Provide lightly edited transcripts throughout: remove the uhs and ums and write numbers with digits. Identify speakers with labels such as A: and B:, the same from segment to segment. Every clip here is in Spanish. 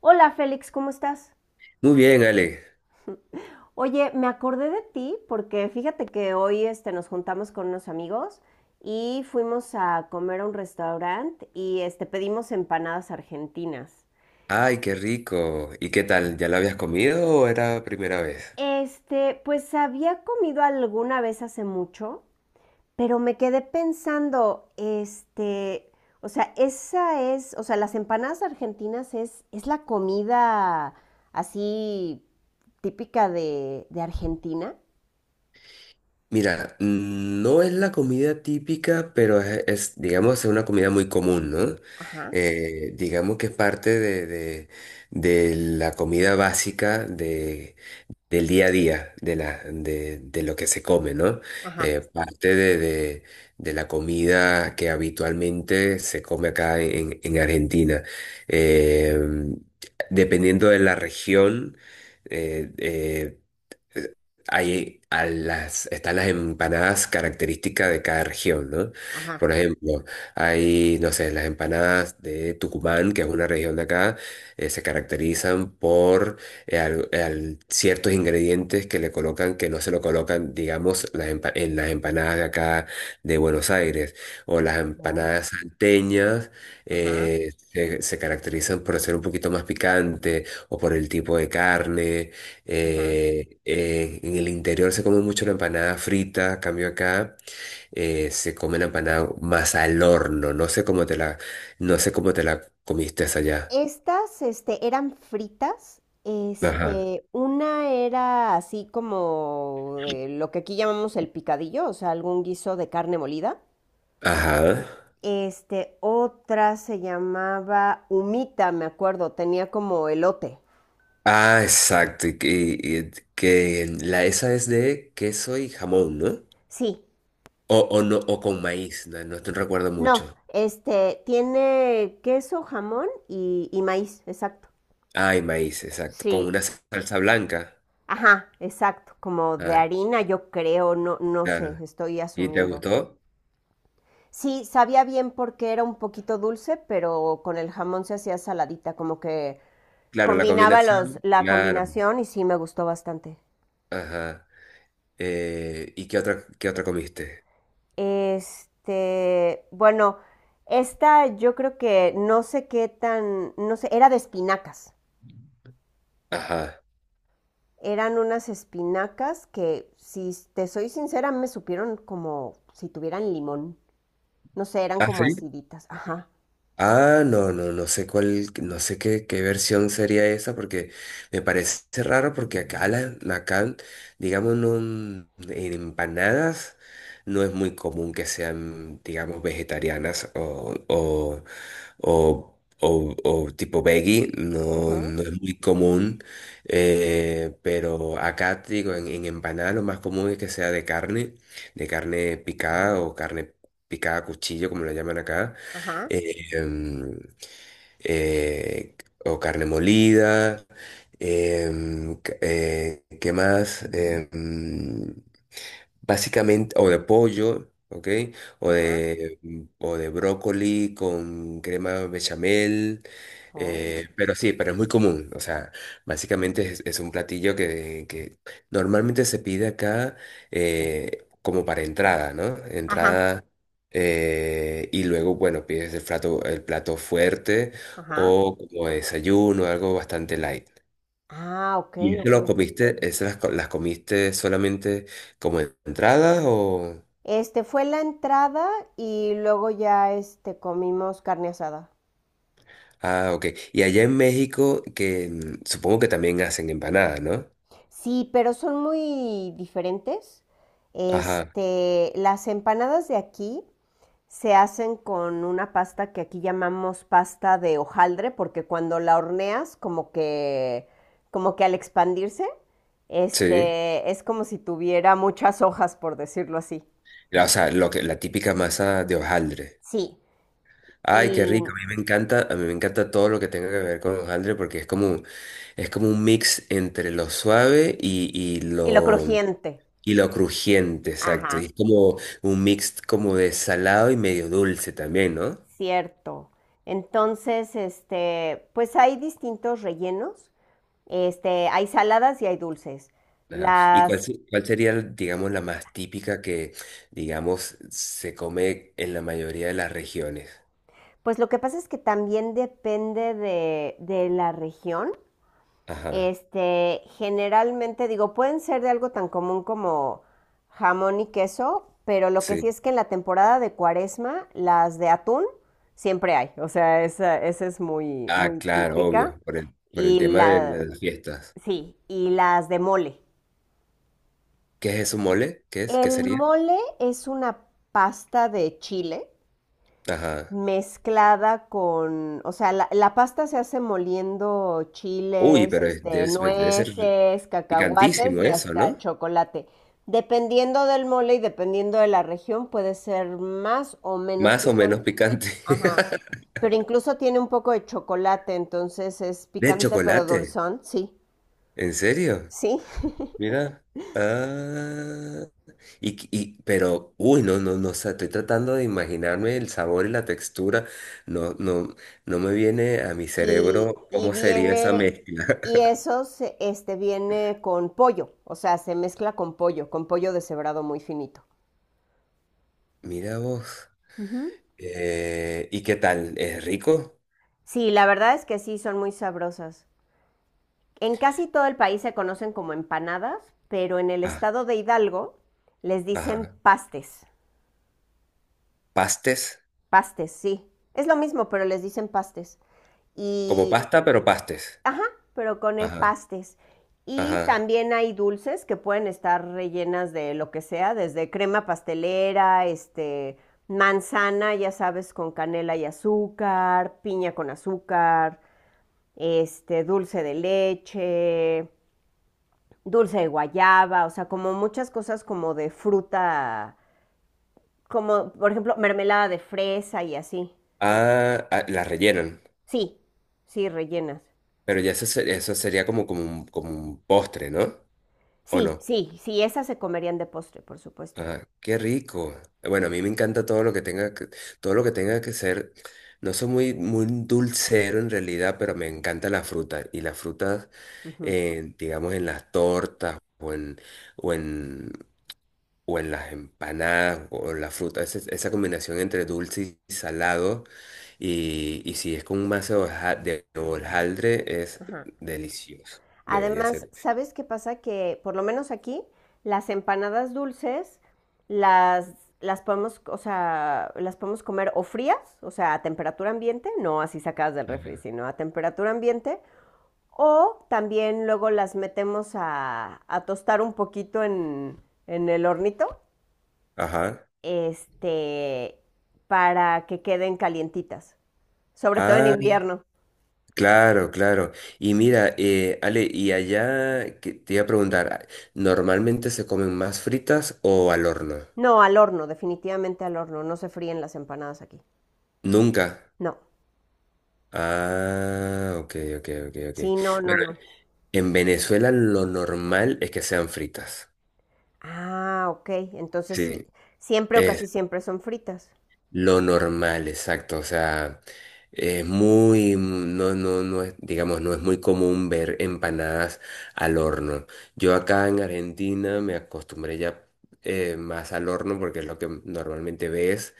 A: Hola Félix, ¿cómo estás?
B: Muy bien, Ale.
A: Oye, me acordé de ti porque fíjate que hoy nos juntamos con unos amigos y fuimos a comer a un restaurante y pedimos empanadas argentinas.
B: Ay, qué rico. ¿Y qué tal? ¿Ya lo habías comido o era primera vez?
A: Pues había comido alguna vez hace mucho, pero me quedé pensando, o sea, o sea, las empanadas argentinas es la comida así típica de Argentina.
B: Mira, no es la comida típica, pero digamos, es una comida muy común, ¿no?
A: Ajá,
B: Digamos que es parte de la comida básica de, del día a día, de lo que se come, ¿no?
A: ajá.
B: Parte de la comida que habitualmente se come acá en Argentina. Eh, dependiendo de la región, eh, eh, hay a las, están las empanadas características de cada región, ¿no?
A: Ajá.
B: Por ejemplo, hay, no sé, las empanadas de Tucumán, que es una región de acá, se caracterizan por ciertos ingredientes que le colocan, que no se lo colocan, digamos, en las empanadas de acá de Buenos Aires. O las
A: Oh.
B: empanadas salteñas
A: Ajá,
B: se caracterizan por ser un poquito más picante o por el tipo de carne.
A: ajá.
B: En el interior se come mucho la empanada frita, a cambio acá se come la empanada más al horno. No sé cómo te la, no sé cómo te la comiste esa allá.
A: Estas, eran fritas.
B: Ajá.
A: Una era así como de lo que aquí llamamos el picadillo, o sea, algún guiso de carne molida.
B: Ajá.
A: Otra se llamaba humita, me acuerdo, tenía como elote.
B: Ah, exacto. Y que la esa es de queso y jamón, ¿no?
A: Sí,
B: O no, o con maíz, no, no te recuerdo mucho.
A: no, tiene queso, jamón y maíz, exacto.
B: Ay, maíz, exacto. Con
A: Sí,
B: una salsa blanca.
A: ajá, exacto, como de
B: Ay,
A: harina, yo creo, no, no sé,
B: claro.
A: estoy
B: ¿Y te
A: asumiendo.
B: gustó?
A: Sí, sabía bien porque era un poquito dulce, pero con el jamón se hacía saladita, como que
B: Claro, la
A: combinaba
B: combinación.
A: la
B: Claro.
A: combinación y sí me gustó bastante.
B: Ajá. ¿Y qué otra comiste?
A: Bueno, esta yo creo que no sé qué tan, no sé, era de espinacas.
B: Ajá.
A: Eran unas espinacas que, si te soy sincera, me supieron como si tuvieran limón. No sé, eran
B: ¿Ah,
A: como
B: sí?
A: aciditas. Ajá.
B: Ah, no, no, no sé cuál, no sé qué, qué versión sería esa, porque me parece raro porque acá, digamos, no, en empanadas no es muy común que sean, digamos, vegetarianas o, o tipo veggie, no,
A: Ujú.
B: no es muy común. Pero acá te digo, en empanada lo más común es que sea de carne picada o carne picada a cuchillo, como la llaman acá.
A: Ajá.
B: eh, em, eh, o carne molida. ¿Qué más? Básicamente, o de pollo, ¿ok?
A: Ajá.
B: O de brócoli con crema bechamel.
A: Oh.
B: Pero sí, pero es muy común. O sea, básicamente es un platillo que normalmente se pide acá como para entrada, ¿no?
A: Ajá.
B: Entrada. Y luego, bueno, pides el plato fuerte
A: Ajá.
B: o como desayuno, algo bastante light.
A: Ah, ok,
B: ¿Y eso
A: ok,
B: lo
A: ok.
B: comiste, esas las, co- Las comiste solamente como entrada o...?
A: Este fue la entrada y luego ya comimos carne asada.
B: Ah, ok. Y allá en México, que supongo que también hacen empanada, ¿no?
A: Sí, pero son muy diferentes.
B: Ajá,
A: Las empanadas de aquí se hacen con una pasta que aquí llamamos pasta de hojaldre, porque cuando la horneas, como que al expandirse,
B: sí.
A: es como si tuviera muchas hojas, por decirlo así.
B: O sea, lo que, la típica masa de hojaldre.
A: Sí,
B: Ay, qué
A: y,
B: rico. A mí me encanta, a mí me encanta todo lo que tenga que ver con hojaldre porque es como un mix entre lo suave y, y
A: y lo
B: lo,
A: crujiente.
B: y lo crujiente, exacto. Y
A: Ajá.
B: es como un mix como de salado y medio dulce también, ¿no?
A: Cierto. Entonces, pues hay distintos rellenos. Hay saladas y hay dulces.
B: Ajá. ¿Y cuál,
A: Las,
B: se- Cuál sería, digamos, la más típica que, digamos, se come en la mayoría de las regiones?
A: pues lo que pasa es que también depende de la región.
B: Ajá,
A: Generalmente digo, pueden ser de algo tan común como jamón y queso, pero lo que sí
B: sí.
A: es que en la temporada de Cuaresma, las de atún siempre hay. O sea, esa es muy,
B: Ah,
A: muy
B: claro,
A: típica.
B: obvio, por el
A: Y
B: tema de
A: la,
B: las fiestas.
A: sí, y las de mole.
B: ¿Qué es eso, mole? ¿Qué es? ¿Qué
A: El
B: sería?
A: mole es una pasta de chile
B: Ajá.
A: mezclada con, o sea, la pasta se hace moliendo
B: Uy,
A: chiles,
B: pero es- debe, ser debe ser
A: nueces, cacahuates
B: picantísimo
A: y
B: eso,
A: hasta
B: ¿no?
A: chocolate. Dependiendo del mole y dependiendo de la región, puede ser más o menos
B: Más o menos
A: picante.
B: picante.
A: Ajá. Pero incluso tiene un poco de chocolate, entonces es
B: De
A: picante pero
B: chocolate,
A: dulzón, sí,
B: ¿en serio?
A: sí.
B: Mira. Ah. Pero, uy, no, no, no, o sea, estoy tratando de imaginarme el sabor y la textura. No, no, no me viene a mi
A: y,
B: cerebro
A: y
B: cómo sería esa
A: viene,
B: mezcla.
A: y eso se- este, viene con pollo, o sea, se mezcla con pollo deshebrado muy finito.
B: Mira vos.
A: Ujú.
B: ¿Y qué tal? ¿Es rico?
A: Sí, la verdad es que sí, son muy sabrosas. En casi todo el país se conocen como empanadas, pero en el
B: Ah,
A: estado de Hidalgo les dicen
B: ajá.
A: pastes.
B: Pastes.
A: Pastes, sí. Es lo mismo, pero les dicen pastes.
B: Como
A: Y
B: pasta, pero pastes.
A: Ajá, pero con
B: Ajá,
A: pastes. Y
B: ajá.
A: también hay dulces que pueden estar rellenas de lo que sea, desde crema pastelera, manzana, ya sabes, con canela y azúcar, piña con azúcar, dulce de leche, dulce de guayaba, o sea, como muchas cosas como de fruta, como por ejemplo mermelada de fresa y así.
B: Ah, ah, la rellenan.
A: Sí, sí, rellenas.
B: Pero eso sería como, como un postre, ¿no? ¿O
A: Sí,
B: no?
A: sí, sí, esas se comerían de postre, por supuesto.
B: Ah, qué rico. Bueno, a mí me encanta todo lo que tenga que, todo lo que tenga que ser. No soy muy, muy dulcero en realidad, pero me encanta la fruta. Y las frutas,
A: Ujú,
B: digamos, en las tortas o en, o en las empanadas o en la fruta, esa combinación entre dulce y salado. Y si es con un mazo de de hojaldre, es
A: ajá.
B: delicioso. Debería
A: Además,
B: ser.
A: ¿sabes qué pasa? Que por lo menos aquí las empanadas dulces las, las podemos, o sea, las podemos comer o frías, o sea, a temperatura ambiente, no así sacadas del
B: Ujú.
A: refri, sino a temperatura ambiente, o también luego las metemos a tostar un poquito en el hornito,
B: Ajá.
A: este, para que queden calientitas, sobre todo en
B: Ah,
A: invierno.
B: claro, claro. Y mira, Ale, y allá que te iba a preguntar, ah, ¿normalmente se comen más fritas o al horno?
A: No, al horno, definitivamente al horno, no se fríen las empanadas aquí.
B: Nunca.
A: No.
B: Ah, ok, ok, ok, ok.
A: Sí, no, no,
B: Bueno,
A: no.
B: en Venezuela lo normal es que sean fritas.
A: Ah, ok. Entonces sí,
B: Sí.
A: siempre o casi siempre son fritas.
B: Lo normal, exacto. O sea, es muy, no, no, no es, digamos, no es muy común ver empanadas al horno. Yo acá en Argentina me acostumbré ya más al horno porque es lo que normalmente ves.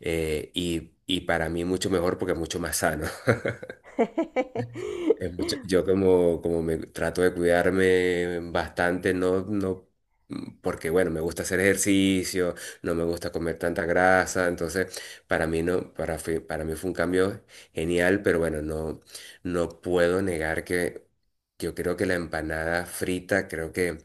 B: Y para mí mucho mejor porque es mucho más sano. Yo como, como me trato de cuidarme bastante, no, no, porque bueno, me gusta hacer ejercicio, no me gusta comer tanta grasa, entonces para mí no, para mí fue un cambio genial, pero bueno, no, no puedo negar que yo creo que la empanada frita, creo que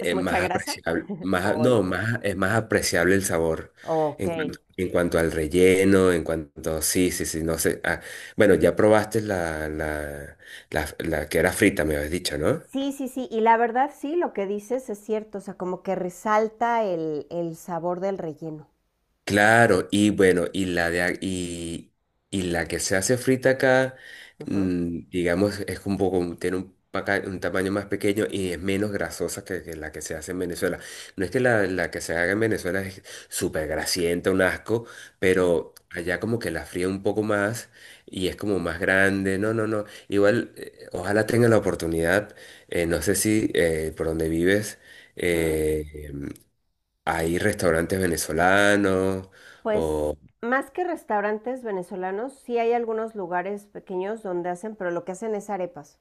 A: ¿Es mucha
B: más
A: grasa?
B: apreciable, más, no,
A: Spoiler.
B: más, es más apreciable el sabor
A: Ok.
B: en cuanto al relleno, en cuanto, sí, sí, sí, no sé. Bueno, ya probaste la que era frita, me habías dicho, ¿no?
A: Sí, sí, sí. Y la verdad, sí, lo que dices es cierto. O sea, como que resalta el sabor del relleno.
B: Claro, y bueno, y la de, a- y la que se hace frita acá,
A: Ujú,
B: digamos, es un poco, tiene un tamaño más pequeño y es menos grasosa que la que se hace en Venezuela. No es que la que se haga en Venezuela es súper grasienta, un asco,
A: no,
B: pero allá como que la fría un poco más y es como más grande. No, no, no. Igual, ojalá tenga la oportunidad, no sé si por donde vives
A: ujú.
B: eh, hay restaurantes venezolanos
A: Pues
B: o...
A: más que restaurantes venezolanos, sí hay algunos lugares pequeños donde hacen, pero lo que hacen es arepas.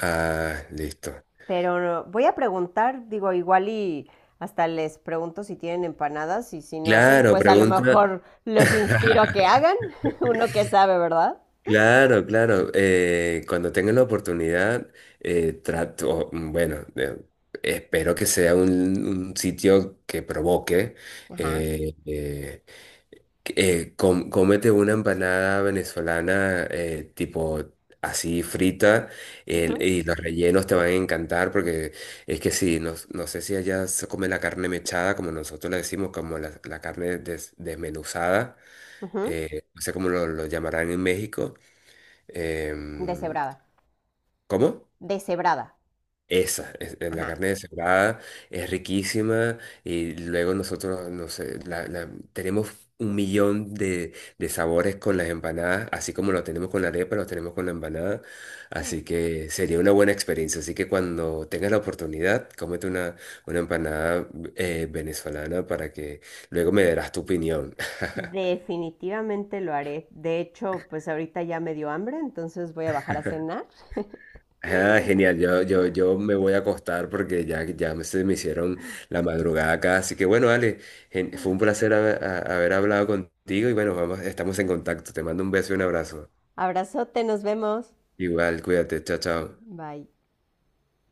B: Ah, listo.
A: Pero voy a preguntar, digo, igual y hasta les pregunto si tienen empanadas y si no hacen,
B: Claro,
A: pues a lo
B: pregunta.
A: mejor los inspiro a que hagan, uno que sabe, ¿verdad?
B: Claro, claro. Cuando tenga la oportunidad, bueno, espero que sea un sitio que provoque
A: Ajá.
B: eh, eh, cómete una empanada venezolana tipo así frita
A: Ujú,
B: y los rellenos te van a encantar porque es que sí, no, no sé si allá se come la carne mechada, como nosotros le decimos, como la carne desmenuzada.
A: ujú.
B: No sé cómo lo llamarán en México. em,
A: Deshebrada.
B: ¿Cómo?
A: Deshebrada.
B: Esa, es la
A: Ajá.
B: carne de cebada, es riquísima. Y luego nosotros, no sé, tenemos un millón de sabores con las empanadas, así como lo tenemos con la arepa, lo tenemos con la empanada, así que sería una buena experiencia. Así que cuando tengas la oportunidad, cómete una empanada venezolana, para que luego me darás tu opinión.
A: Definitivamente lo haré. De hecho, pues ahorita ya me dio hambre, entonces voy a bajar a cenar.
B: Ah, genial, yo me voy a acostar porque ya, se me hicieron la madrugada acá. Así que bueno, Ale, fue un placer haber hablado contigo y bueno, vamos, estamos en contacto. Te mando un beso y un abrazo.
A: Abrazote, nos vemos.
B: Igual, cuídate, chao, chao.
A: Bye.